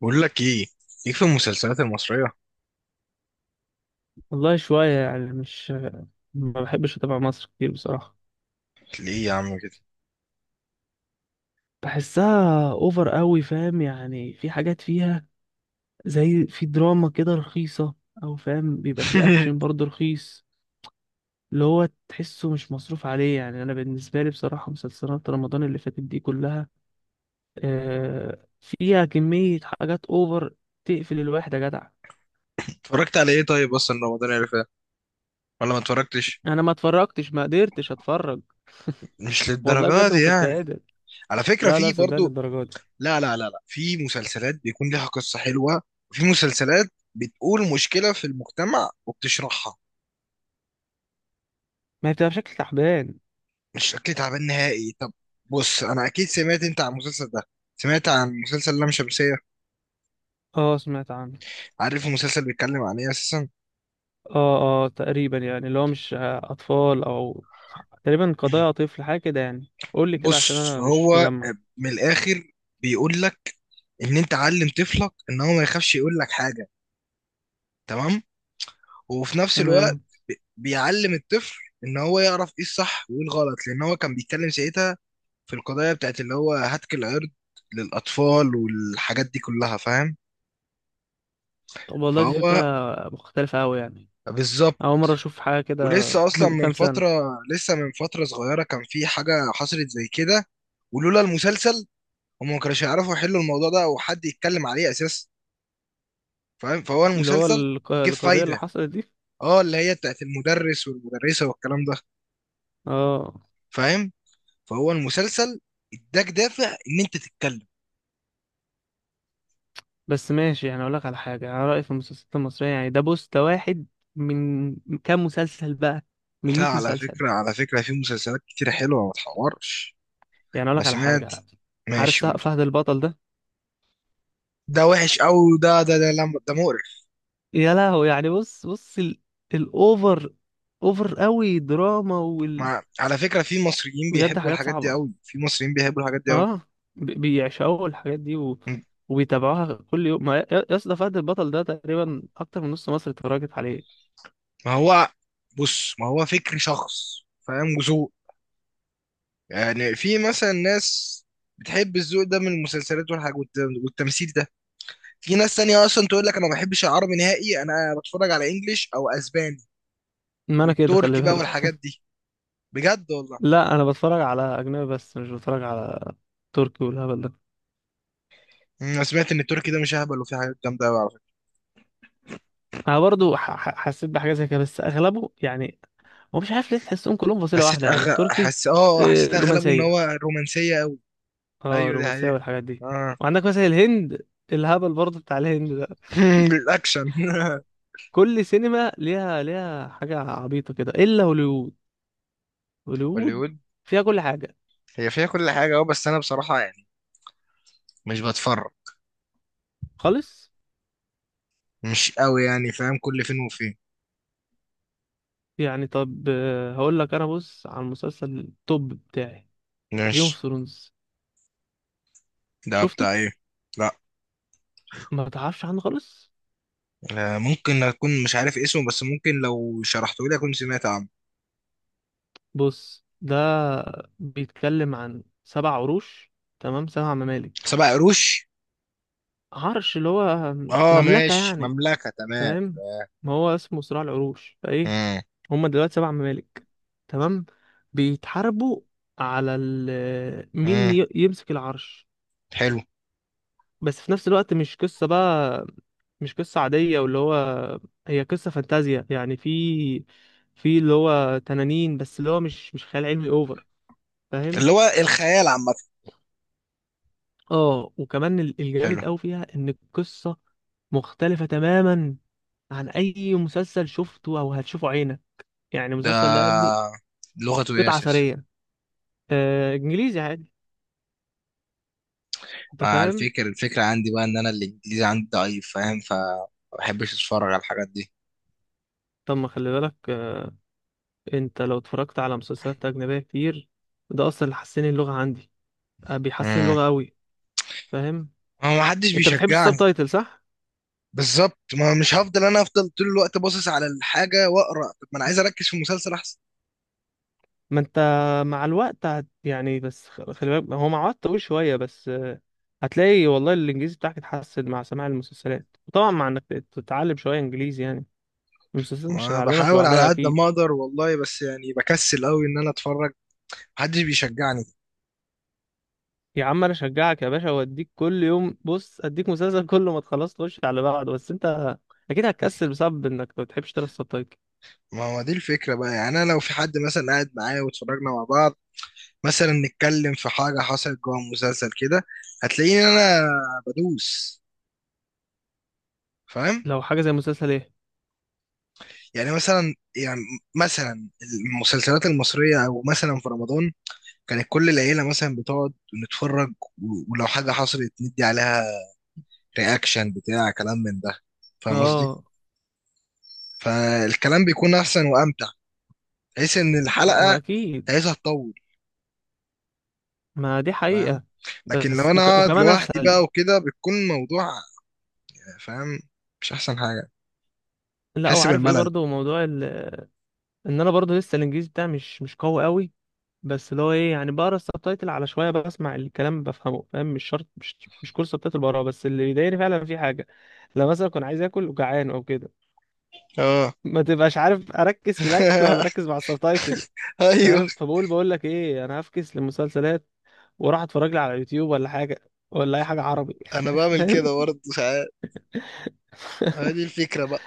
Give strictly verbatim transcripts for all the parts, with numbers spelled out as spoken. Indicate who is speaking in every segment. Speaker 1: بقول لك ايه؟ ليك في المسلسلات المصرية؟
Speaker 2: والله شوية يعني مش ما بحبش أتابع مصر كتير بصراحة.
Speaker 1: ليه يا عم كده؟
Speaker 2: بحسها أوفر قوي، فاهم؟ يعني في حاجات فيها زي في دراما كده رخيصة، أو فاهم بيبقى في أكشن برضه رخيص. اللي هو تحسه مش مصروف عليه، يعني أنا بالنسبة لي بصراحة مسلسلات رمضان اللي فاتت دي كلها آه، فيها كمية حاجات أوفر تقفل الواحد يا جدع.
Speaker 1: اتفرجت على ايه طيب اصلا رمضان اللي فات؟ ولا ما اتفرجتش؟
Speaker 2: أنا ما اتفرجتش، ما قدرتش أتفرج.
Speaker 1: مش
Speaker 2: والله
Speaker 1: للدرجة
Speaker 2: بجد ما
Speaker 1: دي
Speaker 2: كنت
Speaker 1: يعني.
Speaker 2: قادر.
Speaker 1: على فكرة
Speaker 2: لا لا،
Speaker 1: في
Speaker 2: صدقني
Speaker 1: برضو.
Speaker 2: الدرجة دي.
Speaker 1: لا، لا، لا، لا، في مسلسلات بيكون ليها قصة حلوة، وفي مسلسلات بتقول مشكلة في المجتمع وبتشرحها.
Speaker 2: ما هي بتبقى بشكل تعبان.
Speaker 1: مش شكلي تعبان نهائي. طب، بص، انا اكيد سمعت انت عن المسلسل ده. سمعت عن مسلسل لام شمسية؟
Speaker 2: اه، سمعت عنه.
Speaker 1: عارف المسلسل بيتكلم عن ايه اساسا؟
Speaker 2: اه اه، تقريبا يعني اللي هو مش اطفال او تقريبا قضايا طفل، حاجه كده يعني، قول لي كده عشان
Speaker 1: بص
Speaker 2: انا مش
Speaker 1: هو،
Speaker 2: مجمع.
Speaker 1: من الاخر، بيقول لك ان انت علم طفلك ان هو ما يخافش يقول لك حاجه. تمام. وفي نفس الوقت،
Speaker 2: تمام.
Speaker 1: بي- بيعلم الطفل ان هو يعرف ايه الصح وايه الغلط، لان هو كان بيتكلم ساعتها في القضايا بتاعت اللي هو هتك العرض للاطفال والحاجات دي كلها. فاهم؟
Speaker 2: طب والله دي فكره
Speaker 1: فهو.
Speaker 2: مختلفه قوي يعني.
Speaker 1: بالظبط.
Speaker 2: اول مره اشوف حاجه كده
Speaker 1: ولسه اصلا
Speaker 2: من
Speaker 1: من
Speaker 2: كام سنه.
Speaker 1: فتره، لسه من فتره صغيره، كان في حاجه حصلت زي كده. ولولا المسلسل، هم ما كانوش يعرفوا يحلوا الموضوع ده او حد يتكلم عليه اساسا. فاهم؟ فهو
Speaker 2: اللي هو
Speaker 1: المسلسل
Speaker 2: الق-
Speaker 1: جه في
Speaker 2: القضيه اللي
Speaker 1: فايده.
Speaker 2: حصلت دي،
Speaker 1: اه، اللي هي بتاعت المدرس والمدرسة والكلام ده.
Speaker 2: اه.
Speaker 1: فاهم؟ فهو المسلسل اداك دافع ان انت تتكلم.
Speaker 2: بس ماشي يعني، اقول لك على حاجه، انا رايي في المسلسلات المصريه يعني، ده بوست واحد من كام مسلسل بقى، من
Speaker 1: لا،
Speaker 2: مئة
Speaker 1: على
Speaker 2: مسلسل.
Speaker 1: فكرة على فكرة في مسلسلات كتير حلوة، ما تحورش.
Speaker 2: يعني اقول
Speaker 1: ما
Speaker 2: لك على
Speaker 1: سمعت.
Speaker 2: حاجه. عارف
Speaker 1: ماشي،
Speaker 2: سه-
Speaker 1: قول.
Speaker 2: فهد البطل ده؟
Speaker 1: ده وحش قوي، ده ده ده لا، ده مقرف.
Speaker 2: يا لهو يعني، بص بص ال... الاوفر، اوفر قوي دراما وال...
Speaker 1: ما على فكرة، في مصريين
Speaker 2: بجد
Speaker 1: بيحبوا
Speaker 2: حاجات
Speaker 1: الحاجات دي
Speaker 2: صعبة،
Speaker 1: قوي، في مصريين بيحبوا الحاجات دي قوي.
Speaker 2: اه. ب... بيعشقوا الحاجات دي و...
Speaker 1: م.
Speaker 2: وبيتابعوها كل يوم. ما يا يا اسطى، فهد البطل ده تقريبا اكتر من نص مصر اتفرجت عليه.
Speaker 1: ما هو، بص، ما هو فكر شخص، فاهم وذوق. يعني في مثلا ناس بتحب الذوق ده من المسلسلات والحاجات والتمثيل ده. في ناس تانية اصلا تقول لك انا ما بحبش العربي نهائي، انا بتفرج على انجليش او اسباني،
Speaker 2: ما انا كده
Speaker 1: والتركي
Speaker 2: خلي
Speaker 1: بقى والحاجات
Speaker 2: بالك.
Speaker 1: دي، بجد والله.
Speaker 2: لا، انا بتفرج على اجنبي، بس مش بتفرج على تركي والهبل ده.
Speaker 1: انا سمعت ان التركي ده مش اهبل وفي حاجات جامده قوي على فكره.
Speaker 2: انا برضو ح... ح- حسيت بحاجة زي كده، بس اغلبه يعني هو مش عارف ليه، تحسهم كلهم فصيلة
Speaker 1: حسيت
Speaker 2: واحدة يعني
Speaker 1: أغ...
Speaker 2: التركي،
Speaker 1: حس... اه حسيت
Speaker 2: آه،
Speaker 1: اغلبه ان
Speaker 2: رومانسية.
Speaker 1: هو رومانسيه قوي.
Speaker 2: اه،
Speaker 1: ايوه، دي
Speaker 2: الرومانسية
Speaker 1: حقيقة.
Speaker 2: والحاجات دي.
Speaker 1: اه.
Speaker 2: وعندك مثلا الهند، الهبل برضه بتاع الهند ده.
Speaker 1: الاكشن.
Speaker 2: كل سينما ليها ليها حاجة عبيطة كده إلا هوليوود. هوليوود
Speaker 1: هوليوود.
Speaker 2: فيها كل حاجة
Speaker 1: هي فيها كل حاجه. اه، بس انا بصراحه يعني مش بتفرج،
Speaker 2: خالص.
Speaker 1: مش قوي يعني، فاهم، كل فين وفين.
Speaker 2: يعني طب آه، هقول لك أنا، بص على المسلسل التوب بتاعي، جيم اوف
Speaker 1: ماشي.
Speaker 2: ثرونز.
Speaker 1: ده
Speaker 2: شفته؟
Speaker 1: بتاع ايه؟ لا.
Speaker 2: ما بتعرفش عنه خالص.
Speaker 1: آه، ممكن اكون مش عارف اسمه، بس ممكن لو شرحته لي اكون سمعت عنه.
Speaker 2: بص، ده بيتكلم عن سبع عروش، تمام، سبع ممالك.
Speaker 1: سبع قروش.
Speaker 2: عرش اللي هو
Speaker 1: اه،
Speaker 2: مملكة
Speaker 1: ماشي،
Speaker 2: يعني،
Speaker 1: مملكة، تمام.
Speaker 2: فاهم. ما هو اسمه صراع العروش فايه.
Speaker 1: امم.
Speaker 2: هم دلوقتي سبع ممالك، تمام، بيتحاربوا على ال... مين
Speaker 1: امم.
Speaker 2: ي- يمسك العرش.
Speaker 1: حلو.
Speaker 2: بس في نفس الوقت مش قصة بقى، مش قصة عادية واللي هو، هي قصة فانتازيا يعني، في في اللي هو تنانين، بس اللي هو مش مش خيال علمي اوفر، فاهم.
Speaker 1: اللي هو الخيال عامة.
Speaker 2: اه، وكمان ال-
Speaker 1: حلو.
Speaker 2: الجامد قوي فيها ان القصة مختلفة تماما عن اي مسلسل شفته او هتشوفه عينك. يعني
Speaker 1: ده
Speaker 2: المسلسل ده يا ابني
Speaker 1: لغته ايه
Speaker 2: قطعة
Speaker 1: اساسا؟
Speaker 2: أثرية. آه، انجليزي عادي، انت
Speaker 1: مع
Speaker 2: فاهم.
Speaker 1: الفكر الفكرة عندي بقى، ان انا الانجليزي عندي ضعيف، فاهم، فما بحبش اتفرج على الحاجات دي.
Speaker 2: طب ما خلي بالك، آه، انت لو اتفرجت على مسلسلات اجنبيه كتير، ده اصلا اللي حسن اللغه عندي. آه، بيحسن
Speaker 1: امم
Speaker 2: اللغه قوي، فاهم.
Speaker 1: هو ما حدش
Speaker 2: انت بتحبش السب
Speaker 1: بيشجعني.
Speaker 2: تايتل صح؟
Speaker 1: بالظبط، ما مش هفضل انا افضل طول الوقت باصص على الحاجة واقرا، طب ما انا عايز اركز في المسلسل احسن.
Speaker 2: ما انت مع الوقت هت... يعني، بس خ- خلي بالك، هو مع الوقت طويل شويه، بس آه، هتلاقي والله الانجليزي بتاعك اتحسن مع سماع المسلسلات، وطبعا مع انك تتعلم شويه انجليزي يعني، المسلسلات مش
Speaker 1: ما
Speaker 2: هتعلمك
Speaker 1: بحاول
Speaker 2: لوحدها
Speaker 1: على قد
Speaker 2: اكيد.
Speaker 1: ما اقدر والله، بس يعني بكسل قوي ان انا اتفرج، محدش بيشجعني.
Speaker 2: يا عم انا اشجعك يا باشا، واديك كل يوم، بص اديك مسلسل كل ما تخلص تخش على بعض، بس انت اكيد هتكسل بسبب انك ما بتحبش تقرا السبتايتل.
Speaker 1: ما هو دي الفكرة بقى، يعني أنا لو في حد مثلا قاعد معايا واتفرجنا مع بعض، مثلا نتكلم في حاجة حصلت جوه المسلسل كده، هتلاقيني أنا بدوس، فاهم؟
Speaker 2: لو حاجة زي مسلسل ايه.
Speaker 1: يعني مثلا يعني مثلا المسلسلات المصرية، أو مثلا في رمضان، كانت كل العيلة مثلا بتقعد نتفرج، و- ولو حاجة حصلت ندي عليها رياكشن بتاع كلام من ده، فاهم قصدي؟
Speaker 2: اه،
Speaker 1: فالكلام بيكون أحسن وأمتع، بحيث إن الحلقة
Speaker 2: واكيد،
Speaker 1: عايزها تطول.
Speaker 2: ما دي حقيقة،
Speaker 1: لكن لو
Speaker 2: بس
Speaker 1: انا
Speaker 2: وك...
Speaker 1: اقعد
Speaker 2: وكمان
Speaker 1: لوحدي بقى
Speaker 2: اسهل.
Speaker 1: وكده، بيكون موضوع، فاهم، مش احسن حاجه،
Speaker 2: لا،
Speaker 1: حس
Speaker 2: وعارف ايه
Speaker 1: بالملل.
Speaker 2: برضو موضوع ال... ان انا برضو لسه الانجليزي بتاعي مش مش قوي قوي. بس اللي هو ايه، يعني بقرا السبتايتل على شوية بسمع الكلام بفهمه، فاهم، مش شرط، مش مش كل سبتايتل بقراه. بس اللي بيضايقني فعلا في حاجة، لو مثلا كنت عايز اكل وجعان او كده،
Speaker 1: اه.
Speaker 2: ما تبقاش عارف اركز في الاكل ولا اركز مع السبتايتل،
Speaker 1: ايوه،
Speaker 2: فاهم. فبقول بقول لك ايه، انا هفكس للمسلسلات وراح اتفرج لي على يوتيوب ولا حاجه، ولا اي حاجه عربي.
Speaker 1: انا بعمل
Speaker 2: فاهم.
Speaker 1: كده برضه ساعات. هذه الفكره بقى.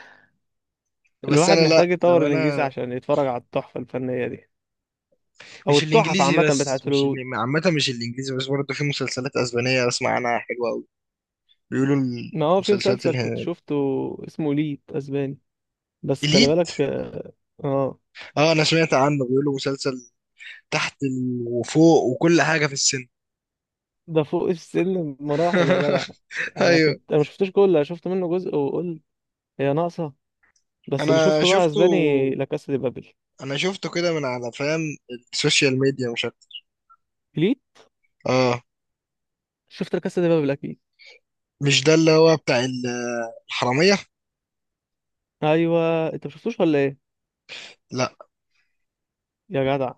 Speaker 1: بس
Speaker 2: الواحد
Speaker 1: انا، لا
Speaker 2: محتاج يطور
Speaker 1: لو
Speaker 2: الانجليزي
Speaker 1: انا،
Speaker 2: عشان يتفرج على التحفه الفنيه دي، او
Speaker 1: مش
Speaker 2: التحف
Speaker 1: الانجليزي
Speaker 2: عامه
Speaker 1: بس،
Speaker 2: بتاعت
Speaker 1: مش
Speaker 2: هوليوود.
Speaker 1: ال- عامه، مش الانجليزي بس، برضه في مسلسلات اسبانيه بسمع عنها حلوه قوي بيقولوا.
Speaker 2: ما هو في
Speaker 1: المسلسلات
Speaker 2: مسلسل كنت
Speaker 1: اله-
Speaker 2: شفته، اسمه ليد اسباني، بس خلي
Speaker 1: اليت.
Speaker 2: بالك، اه. آه،
Speaker 1: اه، انا سمعت عنه، بيقولوا مسلسل تحت ال- وفوق وكل حاجه في السن.
Speaker 2: ده فوق السن بمراحل يا جدع. انا
Speaker 1: ايوه،
Speaker 2: كنت، انا ما شفتوش كله، أنا شفت منه جزء وقلت هي ناقصه. بس اللي
Speaker 1: انا
Speaker 2: شفته بقى
Speaker 1: شفته
Speaker 2: اسباني، لا كاسا دي بابل.
Speaker 1: انا شفته كده، من على، فاهم، السوشيال ميديا مش اكتر.
Speaker 2: ليه؟
Speaker 1: اه،
Speaker 2: شفت لا كاسا دي بابل اكيد.
Speaker 1: مش ده اللي هو بتاع ال- الحرامية؟
Speaker 2: ايوه، انت مشفتوش ولا ايه؟
Speaker 1: لا.
Speaker 2: يا جدع،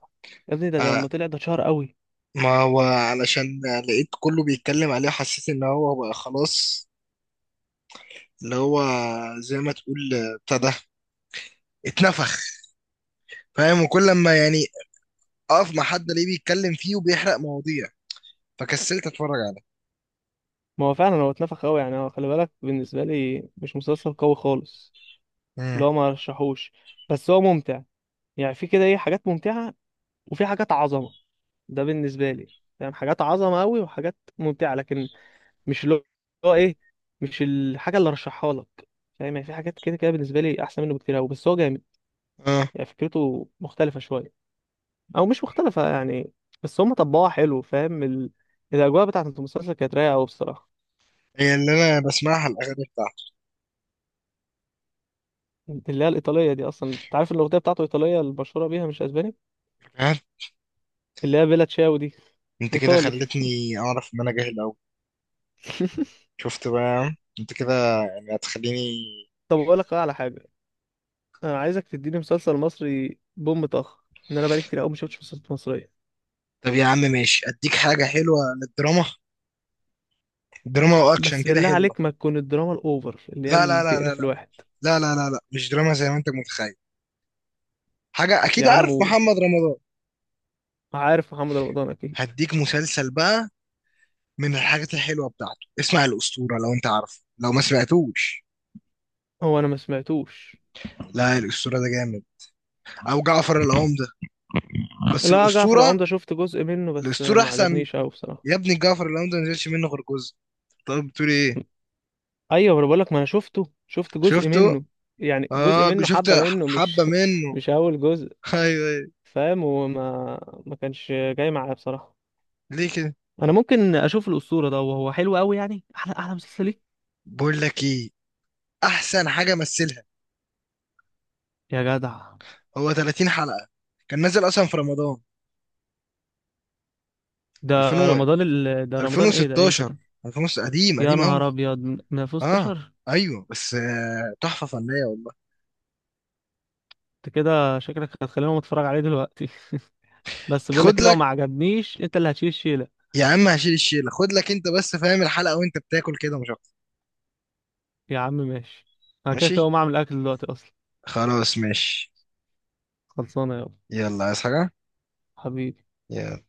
Speaker 2: يا ابني ده ده
Speaker 1: آه،
Speaker 2: لما طلع ده اتشهر قوي.
Speaker 1: ما هو علشان لقيت كله بيتكلم عليه، حسيت ان هو بقى خلاص، اللي هو، زي ما تقول آه، بتاع ده، اتنفخ. فاهم؟ وكل لما يعني اقف مع حد ليه بيتكلم فيه وبيحرق مواضيع، فكسلت اتفرج عليه.
Speaker 2: ما هو فعلا هو اتنفخ قوي يعني، هو خلي بالك بالنسبه لي مش مسلسل قوي خالص.
Speaker 1: مم.
Speaker 2: اللي هو ما رشحوش، بس هو ممتع يعني، في كده ايه حاجات ممتعه وفي حاجات عظمه، ده بالنسبه لي فاهم، حاجات عظمه قوي وحاجات ممتعه، لكن مش اللي هو ايه، مش الحاجه اللي رشحها لك، فاهم. يعني في حاجات كده كده بالنسبه لي احسن منه بكتير قوي، بس هو جامد
Speaker 1: اه.
Speaker 2: يعني، فكرته مختلفه شويه، او مش مختلفه يعني، بس هم طبقوها حلو فاهم. ال... الاجواء بتاعت المسلسل كانت رايقه قوي بصراحه.
Speaker 1: هي اللي انا بسمعها الاغاني بتاعته.
Speaker 2: اللي هي الايطاليه دي اصلا، انت عارف إن الاغنيه بتاعته ايطاليه المشهوره بيها مش اسباني؟
Speaker 1: فاهم؟
Speaker 2: اللي هي بيلا تشاو دي،
Speaker 1: انت كده
Speaker 2: ايطالي.
Speaker 1: خلتني اعرف ان انا جاهل اوي. شفت بقى انت كده، يعني هتخليني.
Speaker 2: طب اقول لك بقى على حاجه، انا عايزك تديني مسلسل مصري بوم طخ، ان انا بقالي كتير قوي ما شفتش مسلسلات مصريه.
Speaker 1: طب يا عم، ماشي، اديك حاجة حلوة للدراما، دراما واكشن
Speaker 2: بس
Speaker 1: كده
Speaker 2: بالله
Speaker 1: حلوة.
Speaker 2: عليك، ما تكون الدراما الاوفر اللي هي
Speaker 1: لا، لا،
Speaker 2: اللي
Speaker 1: لا، لا،
Speaker 2: تقرف
Speaker 1: لا،
Speaker 2: الواحد.
Speaker 1: لا، لا، لا، لا، مش دراما زي ما انت متخيل. حاجة اكيد
Speaker 2: يا عم
Speaker 1: عارف
Speaker 2: قول،
Speaker 1: محمد رمضان.
Speaker 2: عارف محمد رمضان اكيد.
Speaker 1: هديك مسلسل بقى، من الحاجات الحلوة بتاعته، اسمع الأسطورة، لو انت عارفه لو ما سمعتوش.
Speaker 2: هو انا ما سمعتوش.
Speaker 1: لا، الأسطورة ده جامد، او جعفر العمدة، بس
Speaker 2: لا، جعفر
Speaker 1: الأسطورة،
Speaker 2: العمدة شفت جزء منه، بس
Speaker 1: الأسطورة
Speaker 2: ما
Speaker 1: احسن.
Speaker 2: عجبنيش قوي بصراحه.
Speaker 1: يا ابني جعفر العمدة ما نزلش منه غير جزء. طب بتقول ايه؟
Speaker 2: ايوه، ما انا بقول لك، ما انا شفته، شفت جزء
Speaker 1: شفته؟
Speaker 2: منه، يعني جزء
Speaker 1: اه،
Speaker 2: منه،
Speaker 1: شفت
Speaker 2: حبه منه،
Speaker 1: حبة
Speaker 2: مش
Speaker 1: منه.
Speaker 2: مش اول جزء،
Speaker 1: ايوه، ايوه،
Speaker 2: فاهم. وما ما كانش جاي معايا بصراحه.
Speaker 1: ليه كده؟
Speaker 2: انا ممكن اشوف الاسطوره ده، وهو حلو قوي يعني، احلى احلى مسلسل ليه.
Speaker 1: بقول لك ايه، احسن حاجه مثلها.
Speaker 2: يا جدع،
Speaker 1: هو ثلاثين حلقه، كان نازل اصلا في رمضان
Speaker 2: ده
Speaker 1: ألفين و-
Speaker 2: رمضان ال... ده رمضان ايه، ده امتى
Speaker 1: ألفين وستاشر.
Speaker 2: ده؟
Speaker 1: ألفين، قديم
Speaker 2: يا
Speaker 1: قديم قوي.
Speaker 2: نهار ابيض، ما في
Speaker 1: اه،
Speaker 2: ستاشر.
Speaker 1: ايوه، بس آه، تحفه فنيه والله.
Speaker 2: انت كده شكلك هتخليني اتفرج عليه دلوقتي. بس بقول لك
Speaker 1: خد
Speaker 2: إيه، لو
Speaker 1: لك.
Speaker 2: ما عجبنيش انت اللي هتشيل الشيله.
Speaker 1: يا عم، هشيل الشيله، خد لك انت بس، فاهم، الحلقه وانت بتاكل كده مش اكتر.
Speaker 2: يا عم ماشي، انا كده كده
Speaker 1: ماشي،
Speaker 2: هقوم اعمل اكل دلوقتي اصلا.
Speaker 1: خلاص، ماشي.
Speaker 2: خلصانه يابا،
Speaker 1: يلا عايز حاجه؟
Speaker 2: حبيبي.
Speaker 1: يلا.